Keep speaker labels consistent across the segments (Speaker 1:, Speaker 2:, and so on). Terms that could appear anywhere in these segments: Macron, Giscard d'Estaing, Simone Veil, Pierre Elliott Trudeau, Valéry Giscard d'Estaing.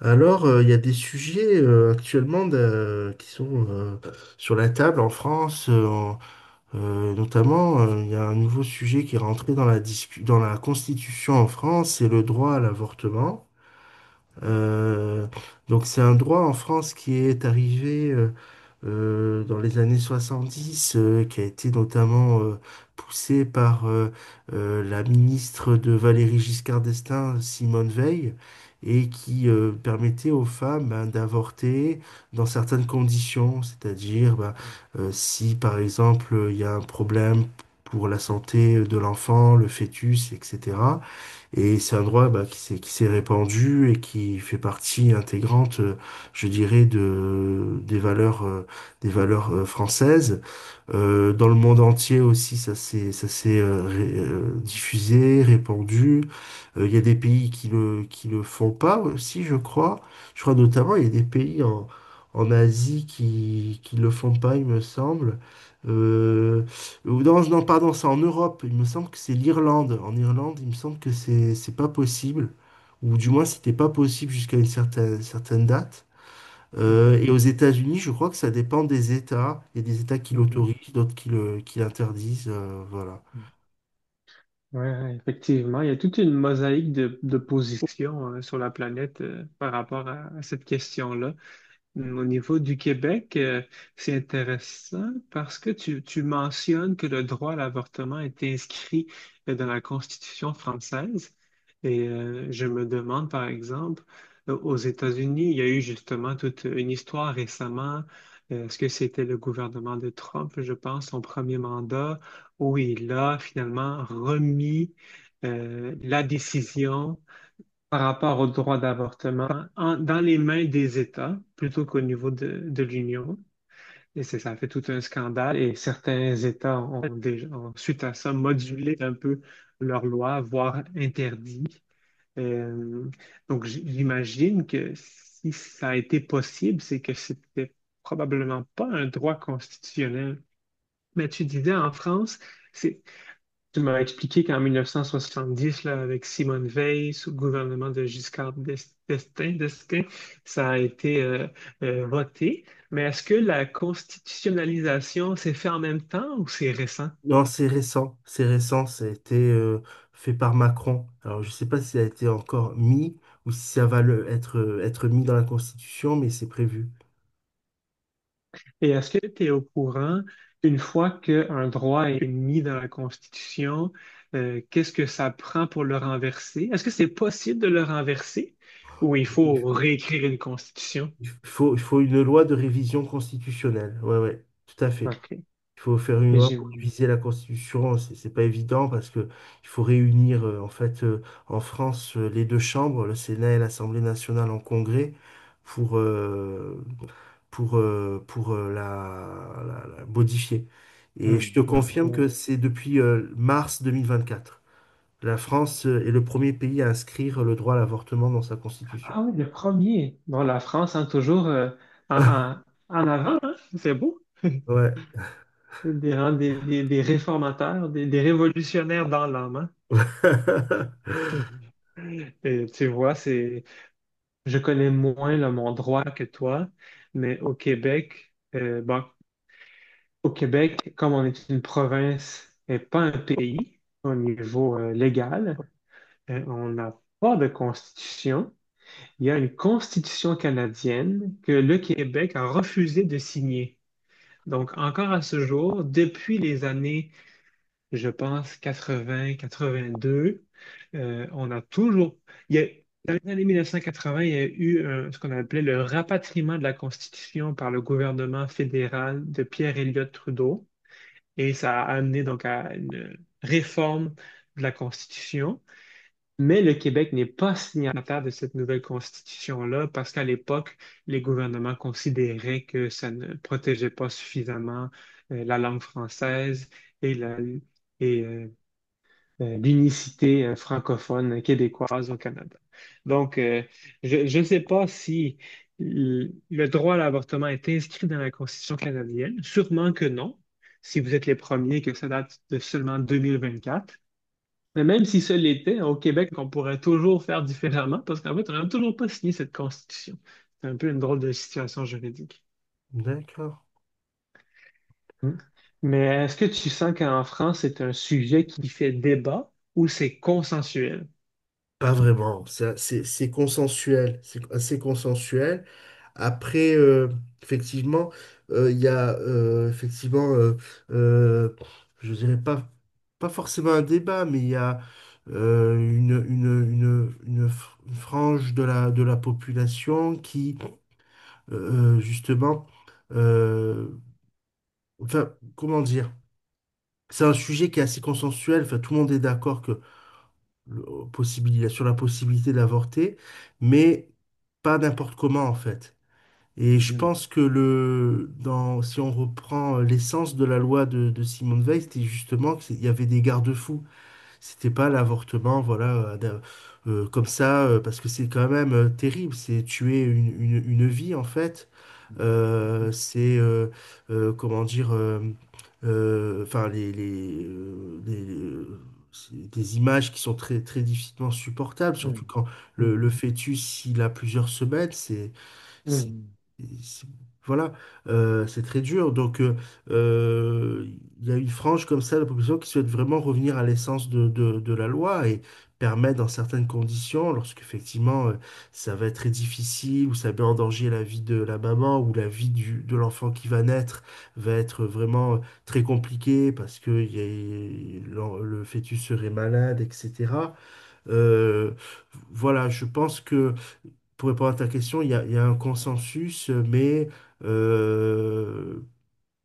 Speaker 1: Alors, il y a des sujets actuellement qui sont sur la table en France, notamment, il y a un nouveau sujet qui est rentré dans la dans la Constitution en France, c'est le droit à l'avortement. Euh, donc c'est un droit en France qui est arrivé dans les années 70, qui a été notamment poussé par la ministre de Valéry Giscard d'Estaing, Simone Veil, et qui permettait aux femmes ben, d'avorter dans certaines conditions, c'est-à-dire ben, si par exemple il y a un problème pour la santé de l'enfant, le fœtus, etc. Et c'est un droit bah, qui s'est répandu et qui fait partie intégrante, je dirais, de des valeurs françaises. Dans le monde entier aussi, ça s'est diffusé, répandu. Il y a des pays qui le font pas aussi, je crois. Je crois notamment il y a des pays en Asie qui le font pas, il me semble. Euh, ou non, non, pardon, c'est en Europe. Il me semble que c'est l'Irlande. En Irlande, il me semble que c'est pas possible, ou du moins c'était pas possible jusqu'à une certaine date.
Speaker 2: Mm,
Speaker 1: Et aux États-Unis, je crois que ça dépend des États. Il y a des États qui
Speaker 2: mhm,
Speaker 1: l'autorisent, d'autres qui l'interdisent. Voilà.
Speaker 2: mm. Ouais, ouais, effectivement, il y a toute une mosaïque de positions sur la planète par rapport à cette question-là. Au niveau du Québec, c'est intéressant parce que tu mentionnes que le droit à l'avortement est inscrit dans la Constitution française. Et je me demande, par exemple, aux États-Unis, il y a eu justement toute une histoire récemment. Est-ce que c'était le gouvernement de Trump, je pense, son premier mandat, où il a finalement remis la décision par rapport au droit d'avortement dans les mains des États plutôt qu'au niveau de l'Union. Et ça a fait tout un scandale et certains États ont, déjà, ont, suite à ça, modulé un peu leurs lois, voire interdit. Euh, donc j'imagine que si ça a été possible, c'est que c'était probablement pas un droit constitutionnel. Mais tu disais en France, c'est tu m'as expliqué qu'en 1970, là, avec Simone Veil, sous le gouvernement de d'Estaing, ça a été voté. Mais est-ce que la constitutionnalisation s'est faite en même temps ou c'est récent?
Speaker 1: Non, c'est récent. C'est récent. Ça a été fait par Macron. Alors, je ne sais pas si ça a été encore mis ou si ça va être mis dans la Constitution, mais c'est prévu.
Speaker 2: Et est-ce que tu es au courant, une fois qu'un droit est mis dans la Constitution, qu'est-ce que ça prend pour le renverser? Est-ce que c'est possible de le renverser ou il
Speaker 1: Il
Speaker 2: faut
Speaker 1: f-
Speaker 2: réécrire une Constitution?
Speaker 1: il faut une loi de révision constitutionnelle. Ouais, ouais, tout à fait.
Speaker 2: OK.
Speaker 1: Il faut faire une
Speaker 2: Et
Speaker 1: loi
Speaker 2: J'ai-
Speaker 1: pour réviser la Constitution. C'est pas évident parce que il faut réunir en fait en France les deux chambres, le Sénat et l'Assemblée nationale en congrès pour euh, pour la modifier. Et je
Speaker 2: Hmm,
Speaker 1: te confirme que
Speaker 2: non.
Speaker 1: c'est depuis mars 2024. La France est le premier pays à inscrire le droit à l'avortement dans sa Constitution.
Speaker 2: Ah oui, le premier. Bon, la France, hein, toujours en, en- en avant, hein. C'est beau.
Speaker 1: Ouais.
Speaker 2: Des, hein, des réformateurs, des révolutionnaires dans l'âme, hein. Et tu vois, c'est, je connais moins là, mon droit que toi, mais au Québec, bon, au Québec, comme on est une province et pas un pays au niveau légal, on n'a pas de constitution. Il y a une constitution canadienne que le Québec a refusé de signer. Donc, encore à ce jour, depuis les années, je pense, 80, 82, on a toujours... Il y a, dans les années 1980, il y a eu ce qu'on appelait le rapatriement de la Constitution par le gouvernement fédéral de Pierre Elliott Trudeau. Et ça a amené donc à une réforme de la Constitution. Mais le Québec n'est pas signataire de cette nouvelle constitution-là parce qu'à l'époque, les gouvernements considéraient que ça ne protégeait pas suffisamment la langue française et et, euh, l'unicité francophone québécoise au Canada. Donc, je ne sais pas si le droit à l'avortement est inscrit dans la Constitution canadienne. Sûrement que non, si vous êtes les premiers, que ça date de seulement 2024. Mais même si ce l'était, au Québec, on pourrait toujours faire différemment parce qu'en fait, on n'a toujours pas signé cette constitution. C'est un peu une drôle de situation juridique.
Speaker 1: D'accord.
Speaker 2: Hmm. Mais est-ce que tu sens qu'en France, c'est un sujet qui fait débat ou c'est consensuel?
Speaker 1: Pas vraiment, ça, c'est consensuel, c'est assez consensuel. Après, effectivement, il y a effectivement, euh, je dirais pas, forcément un débat, mais il y a une frange de la population qui, justement, euh, enfin, comment dire? C'est un sujet qui est assez consensuel, enfin, tout le monde est d'accord sur la possibilité d'avorter, mais pas n'importe comment en fait. Et je
Speaker 2: Mhm,
Speaker 1: pense que si on reprend l'essence de la loi de Simone Veil, c'était justement qu'il y avait des garde-fous. C'était pas l'avortement, voilà, comme ça, parce que c'est quand même terrible, c'est tuer une vie en fait.
Speaker 2: mhm,
Speaker 1: Euh, c'est, euh, Comment dire, enfin, c'est des images qui sont très, très difficilement supportables, surtout quand le
Speaker 2: mhm,
Speaker 1: fœtus, il a plusieurs semaines, c'est-
Speaker 2: mhm,
Speaker 1: c'est- voilà, c'est très dur. Donc, euh, il y a une frange comme ça de la population qui souhaite vraiment revenir à l'essence de la loi et permettre, dans certaines conditions, lorsqu'effectivement ça va être très difficile ou ça met en danger la vie de la maman ou la vie de l'enfant qui va naître, va être vraiment très compliquée parce que le fœtus serait malade, etc. Euh, voilà, je pense que pour répondre à ta question, il y a un consensus, mais euh,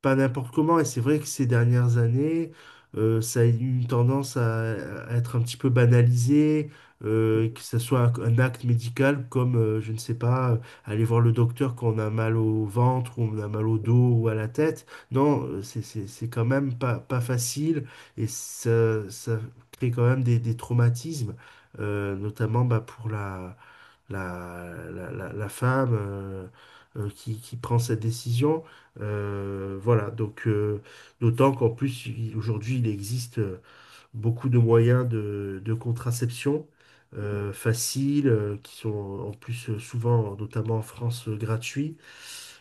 Speaker 1: pas n'importe comment. Et c'est vrai que ces dernières années, ça a eu une tendance à être un petit peu banalisé,
Speaker 2: mhm,
Speaker 1: que ce soit un acte médical comme, je ne sais pas, aller voir le docteur quand on a mal au ventre, ou on a mal au dos ou à la tête. Non, c'est quand même pas, pas facile et ça crée quand même des traumatismes, notamment bah, pour la femme qui prend cette décision. Voilà, donc d'autant qu'en plus, aujourd'hui, il existe, beaucoup de moyens de contraception
Speaker 2: mhm,
Speaker 1: faciles, qui sont en plus souvent, notamment en France, gratuits.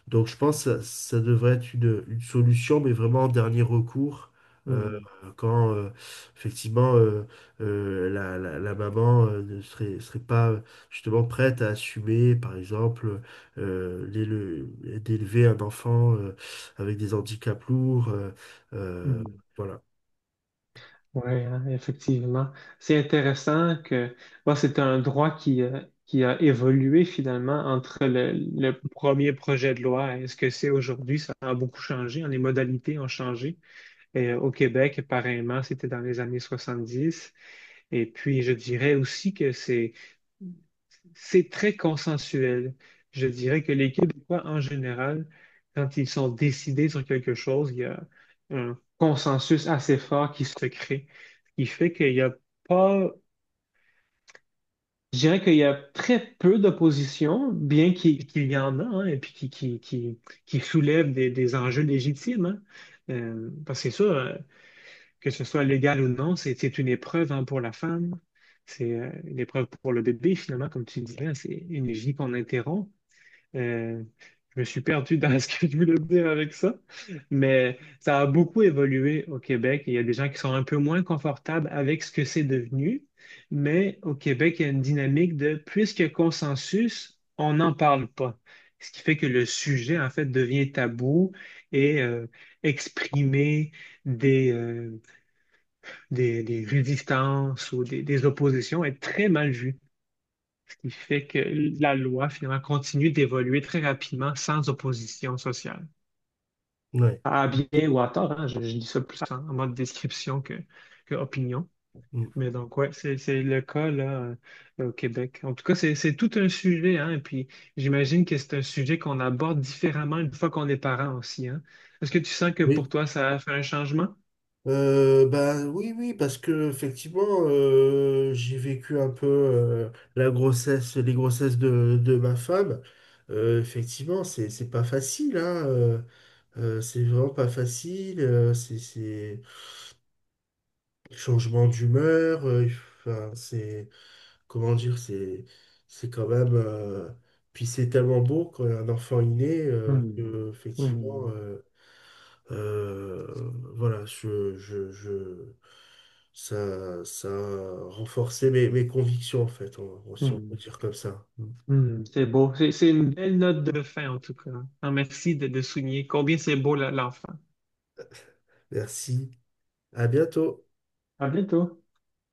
Speaker 1: Donc je pense que ça devrait être une solution, mais vraiment en dernier recours,
Speaker 2: mhm,
Speaker 1: euh,
Speaker 2: mhm,
Speaker 1: quand effectivement la maman ne serait pas justement prête à assumer, par exemple, d'élever un enfant avec des handicaps lourds.
Speaker 2: mhm,
Speaker 1: Euh,
Speaker 2: mhm.
Speaker 1: voilà.
Speaker 2: Oui, hein, effectivement. C'est intéressant que bon, c'est un droit qui a évolué finalement entre le premier projet de loi et ce que c'est aujourd'hui. Ça a beaucoup changé, hein. Les modalités ont changé. Et, au Québec, pareillement, c'était dans les années 70. Et puis, je dirais aussi que c'est très consensuel. Je dirais que les Québécois, en général, quand ils sont décidés sur quelque chose, il y a un consensus assez fort qui se crée, ce qui fait qu'il n'y a pas, je dirais qu'il y a très peu d'opposition, bien qu'il y en a, hein, et puis qui soulève des enjeux légitimes, hein. Parce que c'est sûr, que ce soit légal ou non, c'est une épreuve hein, pour la femme, c'est une épreuve pour le bébé, finalement, comme tu disais, hein, c'est une vie qu'on interrompt. Euh, je me suis perdu dans ce que je voulais dire avec ça, mais ça a beaucoup évolué au Québec et il y a des gens qui sont un peu moins confortables avec ce que c'est devenu, mais au Québec, il y a une dynamique de puisqu'il y a consensus, on n'en parle pas. Ce qui fait que le sujet, en fait, devient tabou et exprimer des, euh, des résistances ou des oppositions est très mal vu qui fait que la loi, finalement, continue d'évoluer très rapidement sans opposition sociale.
Speaker 1: Ouais.
Speaker 2: À bien ou à tort, hein, je dis ça plus en mode description que opinion.
Speaker 1: Mm.
Speaker 2: Mais donc, ouais, c'est le cas là, au Québec. En tout cas, c'est tout un sujet, hein, et puis j'imagine que c'est un sujet qu'on aborde différemment une fois qu'on est parent aussi, hein. Est-ce que tu sens que pour
Speaker 1: Oui.
Speaker 2: toi, ça a fait un changement?
Speaker 1: Bah, oui, oui, parce que effectivement, j'ai vécu un peu la grossesse, les grossesses de ma femme. Effectivement, c'est pas facile, hein, c'est vraiment pas facile. C'est changement d'humeur. Enfin, c'est comment dire, c'est quand même. Puis c'est tellement beau quand un enfant est né que
Speaker 2: Hmm.
Speaker 1: effectivement.
Speaker 2: Hmm.
Speaker 1: Euh, voilà, ça a renforcé mes convictions, en fait, si on peut
Speaker 2: Hmm.
Speaker 1: dire comme ça.
Speaker 2: Hmm, c'est beau. C'est une belle note de fin, en tout cas. Ah, merci de souligner combien c'est beau, l'enfant.
Speaker 1: Merci, à bientôt.
Speaker 2: À bientôt.